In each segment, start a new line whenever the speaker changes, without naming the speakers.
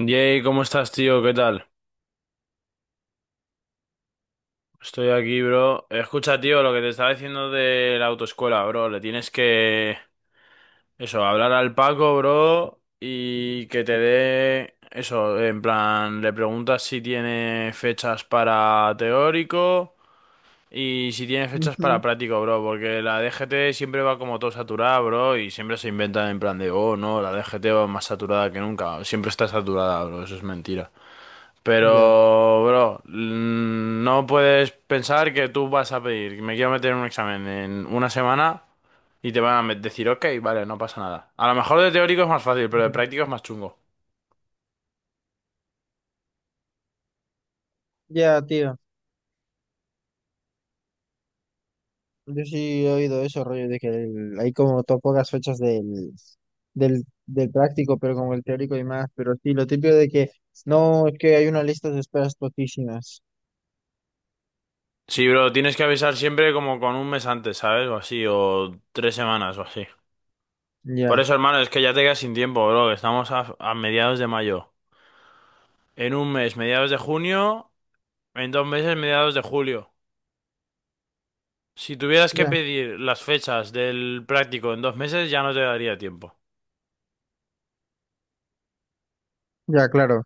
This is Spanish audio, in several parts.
Jay, ¿cómo estás, tío? ¿Qué tal? Estoy aquí, bro. Escucha, tío, lo que te estaba diciendo de la autoescuela, bro. Le tienes que, eso, hablar al Paco, bro, y que te dé, eso, en plan, le preguntas si tiene fechas para teórico y si tiene fechas
Ujú.
para práctico, bro, porque la DGT siempre va como todo saturada, bro, y siempre se inventan en plan de, oh, no, la DGT va más saturada que nunca. Siempre está saturada, bro, eso es mentira.
Ya,
Pero, bro, no puedes pensar que tú vas a pedir, me quiero meter en un examen en una semana y te van a decir, ok, vale, no pasa nada. A lo mejor de teórico es más fácil, pero de
ujú.
práctico es más chungo.
Ya, tío. Yo sí he oído eso, rollo, de que hay como pocas fechas del práctico, pero como el teórico y más. Pero sí, lo típico de que no, es que hay una lista de esperas poquísimas.
Sí, bro, tienes que avisar siempre como con un mes antes, ¿sabes? O así, o tres semanas o así. Por
Ya,
eso, hermano, es que ya te quedas sin tiempo, bro, que estamos a mediados de mayo. En un mes, mediados de junio, en dos meses, mediados de julio. Si tuvieras que
ya,
pedir las fechas del práctico en dos meses, ya no te daría tiempo.
ya, claro.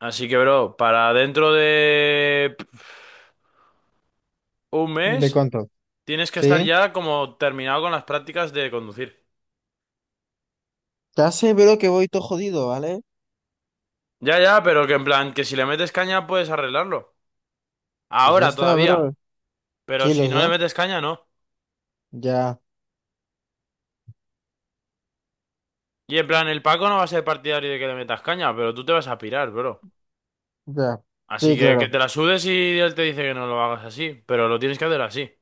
Así que, bro, para dentro de un
¿De
mes
cuánto?
tienes que estar
¿Sí?
ya como terminado con las prácticas de conducir.
Ya sé, bro, que voy todo jodido, ¿vale?
Ya, ya, pero que en plan, que si le metes caña puedes arreglarlo.
Pues ya
Ahora
está,
todavía.
bro.
Pero
Sí,
si
lo
no le
sé.
metes caña, no.
Ya,
Y en plan, el Paco no va a ser partidario de que le metas caña, pero tú te vas a pirar, bro.
ya.
Así
Sí,
que
claro.
te la sudes y él te dice que no lo hagas así, pero lo tienes que hacer así. En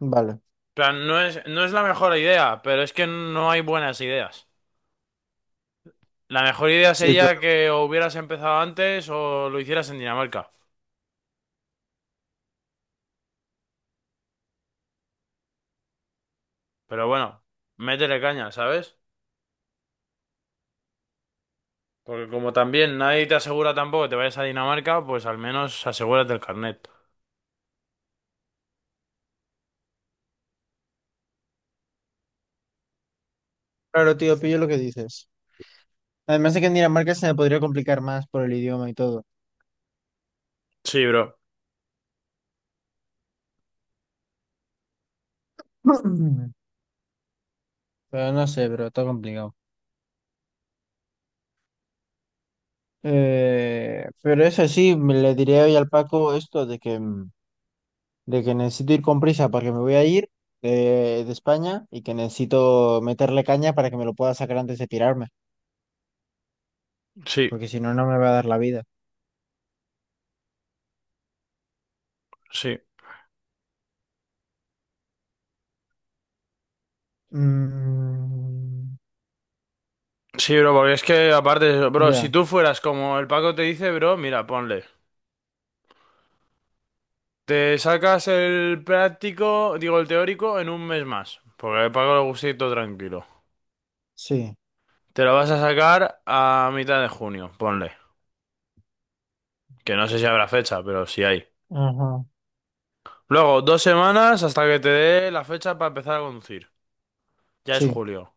Vale.
plan, no es la mejor idea, pero es que no hay buenas ideas. La mejor idea
Sí,
sería
claro.
que o hubieras empezado antes o lo hicieras en Dinamarca. Pero bueno, métele caña, ¿sabes? Porque como también nadie te asegura tampoco que te vayas a Dinamarca, pues al menos asegúrate el carnet.
Claro, tío, pillo lo que dices. Además de que en Dinamarca se me podría complicar más por el idioma y todo.
Sí, bro.
Pero no sé, pero está complicado. Pero eso sí, me le diré hoy al Paco esto de que, de que necesito ir con prisa porque me voy a ir de España y que necesito meterle caña para que me lo pueda sacar antes de pirarme,
Sí,
porque si no, no me va a dar la vida.
sí.
Mm,
Sí, bro, porque es que aparte, bro, si
ya,
tú fueras como el Paco te dice, bro, mira, ponle. Te sacas el práctico, digo el teórico, en un mes más. Porque el Paco le gusta ir todo tranquilo.
sí,
Te lo vas a sacar a mitad de junio, ponle. Que no sé si habrá fecha, pero si hay.
ajá,
Luego, dos semanas hasta que te dé la fecha para empezar a conducir. Ya es
sí,
julio.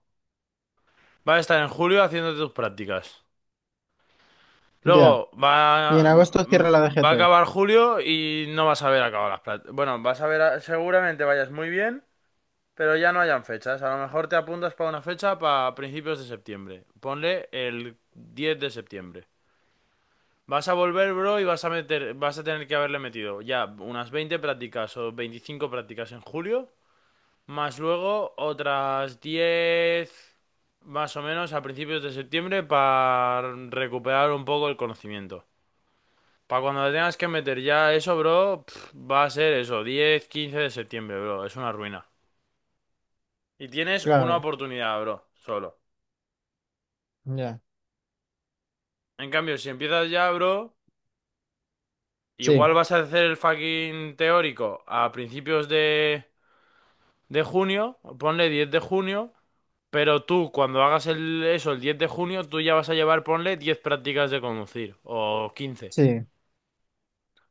Va a estar en julio haciéndote tus prácticas.
ya.
Luego,
Y en
va,
agosto cierra la
va a
DGT,
acabar julio y no vas a ver acabado las prácticas. Bueno, vas a ver, seguramente vayas muy bien, pero ya no hayan fechas. A lo mejor te apuntas para una fecha para principios de septiembre. Ponle el 10 de septiembre. Vas a volver, bro, y vas a meter, vas a tener que haberle metido ya unas 20 prácticas o 25 prácticas en julio. Más luego otras 10 más o menos a principios de septiembre para recuperar un poco el conocimiento. Para cuando le tengas que meter ya eso, bro, pf, va a ser eso, 10, 15 de septiembre, bro, es una ruina. Y tienes una
claro,
oportunidad, bro, solo.
ya,
En cambio, si empiezas ya, bro,
sí,
igual vas a hacer el fucking teórico a principios de junio, ponle 10 de junio. Pero tú, cuando hagas eso el 10 de junio, tú ya vas a llevar, ponle, 10 prácticas de conducir, o 15.
sí,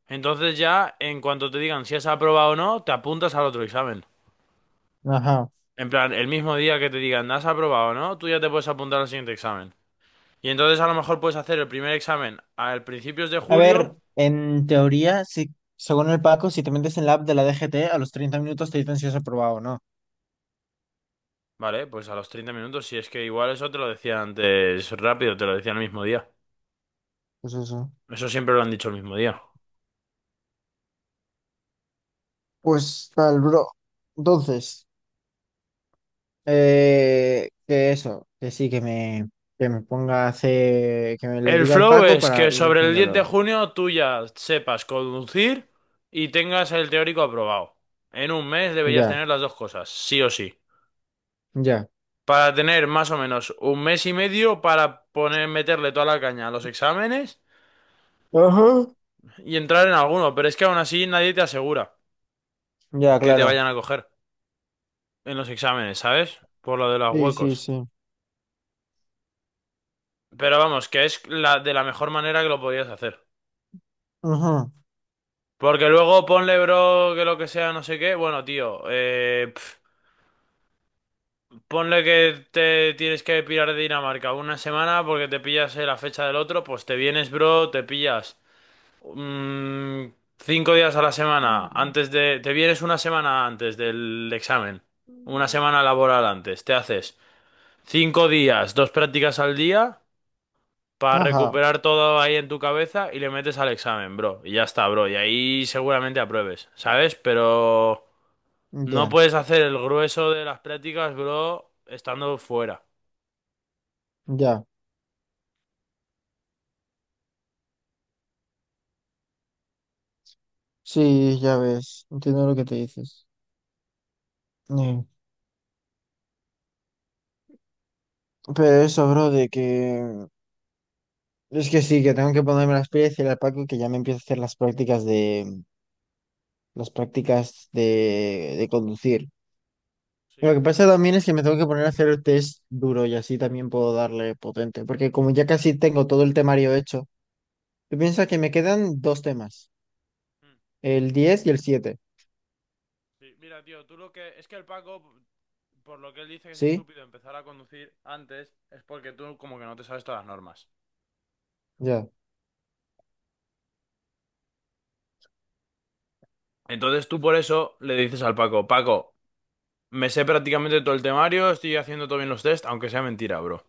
Entonces ya, en cuanto te digan si has aprobado o no, te apuntas al otro examen.
ajá.
En plan, el mismo día que te digan has aprobado o no, tú ya te puedes apuntar al siguiente examen. Y entonces a lo mejor puedes hacer el primer examen al principios de
A ver,
julio,
en teoría, si, según el Paco, si te metes en la app de la DGT, a los treinta minutos te dicen si has aprobado o no.
¿vale? Pues a los 30 minutos, si es que igual eso te lo decían antes rápido, te lo decían el mismo día.
Pues eso.
Eso siempre lo han dicho el mismo día.
Pues tal, bro. Entonces, que eso, que sí, que me ponga a hacer, que me le
El
diga al
flow
Paco
es que
para ir
sobre el 10 de
haciéndolo.
junio tú ya sepas conducir y tengas el teórico aprobado. En un mes deberías
Ya,
tener las dos cosas, sí o sí.
ya.
Para tener más o menos un mes y medio para poner, meterle toda la caña a los exámenes
Ajá.
y entrar en alguno, pero es que aún así nadie te asegura
Ya,
que te
claro.
vayan a coger en los exámenes, ¿sabes? Por lo de los
Sí, sí,
huecos.
sí.
Pero vamos, que es la, de la mejor manera que lo podías hacer.
Ajá.
Porque luego ponle, bro, que lo que sea, no sé qué. Bueno, tío, ponle que te tienes que pirar de Dinamarca una semana porque te pillas la fecha del otro, pues te vienes, bro, te pillas mm, cinco días a la semana antes de... Te vienes una semana antes del examen, una semana laboral antes, te haces cinco días, dos prácticas al día para
Ajá.
recuperar todo ahí en tu cabeza y le metes al examen, bro. Y ya está, bro, y ahí seguramente apruebes, ¿sabes? Pero no
Ya,
puedes hacer el grueso de las prácticas, bro, estando fuera.
ya. Sí, ya ves. Entiendo lo que te dices. Eh, Pero eso, bro, de que es que sí, que tengo que ponerme las pilas y el Paco que ya me empiezo a hacer las prácticas de de conducir. Y
Sí.
lo que pasa también es que me tengo que poner a hacer el test duro y así también puedo darle potente, porque como ya casi tengo todo el temario hecho, tú piensas que me quedan dos temas,
Mm.
el 10 y el siete.
Sí, mira, tío, tú lo que... Es que el Paco, por lo que él dice que es
¿Sí?
estúpido empezar a conducir antes, es porque tú como que no te sabes todas las normas.
Ya.
Entonces tú por eso le dices al Paco, Paco, me sé prácticamente todo el temario, estoy haciendo todo bien los test, aunque sea mentira, bro.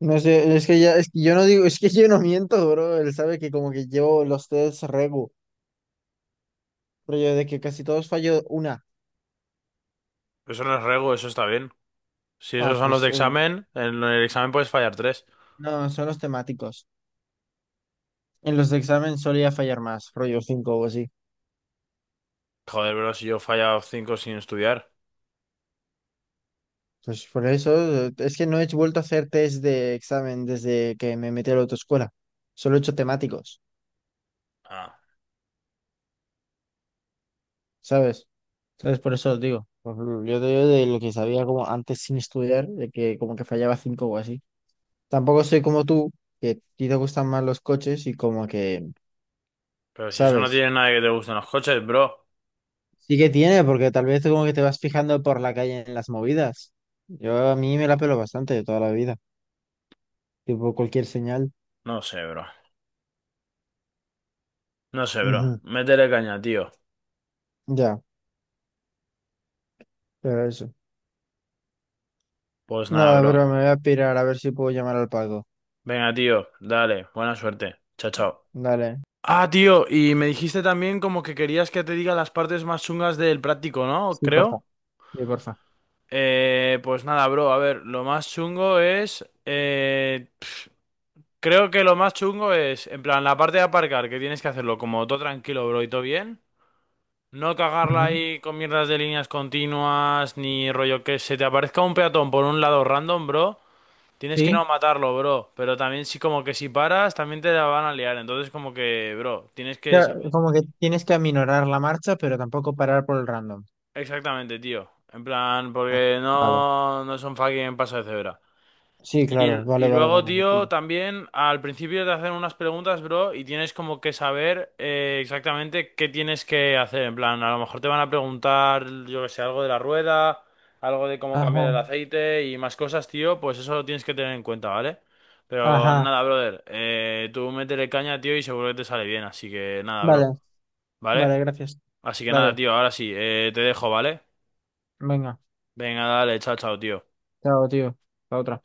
No sé, es que ya, es que yo no digo, es que yo no miento, bro, él sabe que como que llevo los tests regu, pero yo de que casi todos fallo una.
Eso no es rego, eso está bien. Si
Ah,
esos son los
pues
de examen, en el examen puedes fallar tres.
no, son los temáticos. En los de examen solía fallar más, rollo 5 o así.
Joder, bro, si yo he fallado cinco sin estudiar.
Pues por eso, es que no he vuelto a hacer test de examen desde que me metí a la autoescuela. Solo he hecho temáticos,
Ah,
¿sabes? Entonces por eso os digo. Por Yo te digo de lo que sabía como antes sin estudiar, de que como que fallaba 5 o así. Tampoco soy como tú, que a ti te gustan más los coches y como que,
pero si eso no
¿sabes?
tiene nada que te guste en los coches, bro.
Sí que tiene, porque tal vez tú como que te vas fijando por la calle en las movidas. Yo a mí me la pelo bastante de toda la vida, tipo cualquier señal.
No sé, bro. No sé, bro.
Ujú.
Métele caña, tío.
Ya, pero eso.
Pues nada,
Nada,
bro.
bro, me voy a pirar a ver si puedo llamar al Paco.
Venga, tío, dale, buena suerte. Chao, chao.
Dale.
Ah, tío, y me dijiste también como que querías que te diga las partes más chungas del práctico, ¿no?
Sí, porfa.
Creo.
Sí, porfa.
Pues nada, bro, a ver, lo más chungo es... creo que lo más chungo es, en plan, la parte de aparcar, que tienes que hacerlo como todo tranquilo, bro, y todo bien. No cagarla
Ujú.
ahí con mierdas de líneas continuas, ni rollo que se te aparezca un peatón por un lado random, bro. Tienes que
Sí,
no matarlo, bro. Pero también sí como que si paras, también te la van a liar. Entonces como que, bro, tienes que...
claro,
saber-
como que tienes que aminorar la marcha, pero tampoco parar por el random.
Exactamente, tío. En plan,
Ah,
porque
vale.
no, no son fucking paso de cebra.
Sí,
Y,
claro,
y
vale, vale,
luego,
vale, lo
tío,
pillo.
también al principio te hacen unas preguntas, bro, y tienes como que saber exactamente qué tienes que hacer. En plan, a lo mejor te van a preguntar, yo que sé, algo de la rueda, algo de cómo cambiar
Ajá,
el aceite y más cosas, tío, pues eso lo tienes que tener en cuenta, ¿vale? Pero
ajá.
nada, brother, tú métele caña, tío, y seguro que te sale bien, así que nada, bro,
Vale,
¿vale?
vale, gracias.
Así que nada,
Dale,
tío, ahora sí, te dejo, ¿vale?
venga.
Venga, dale, chao, chao, tío.
Chao, tío. La otra.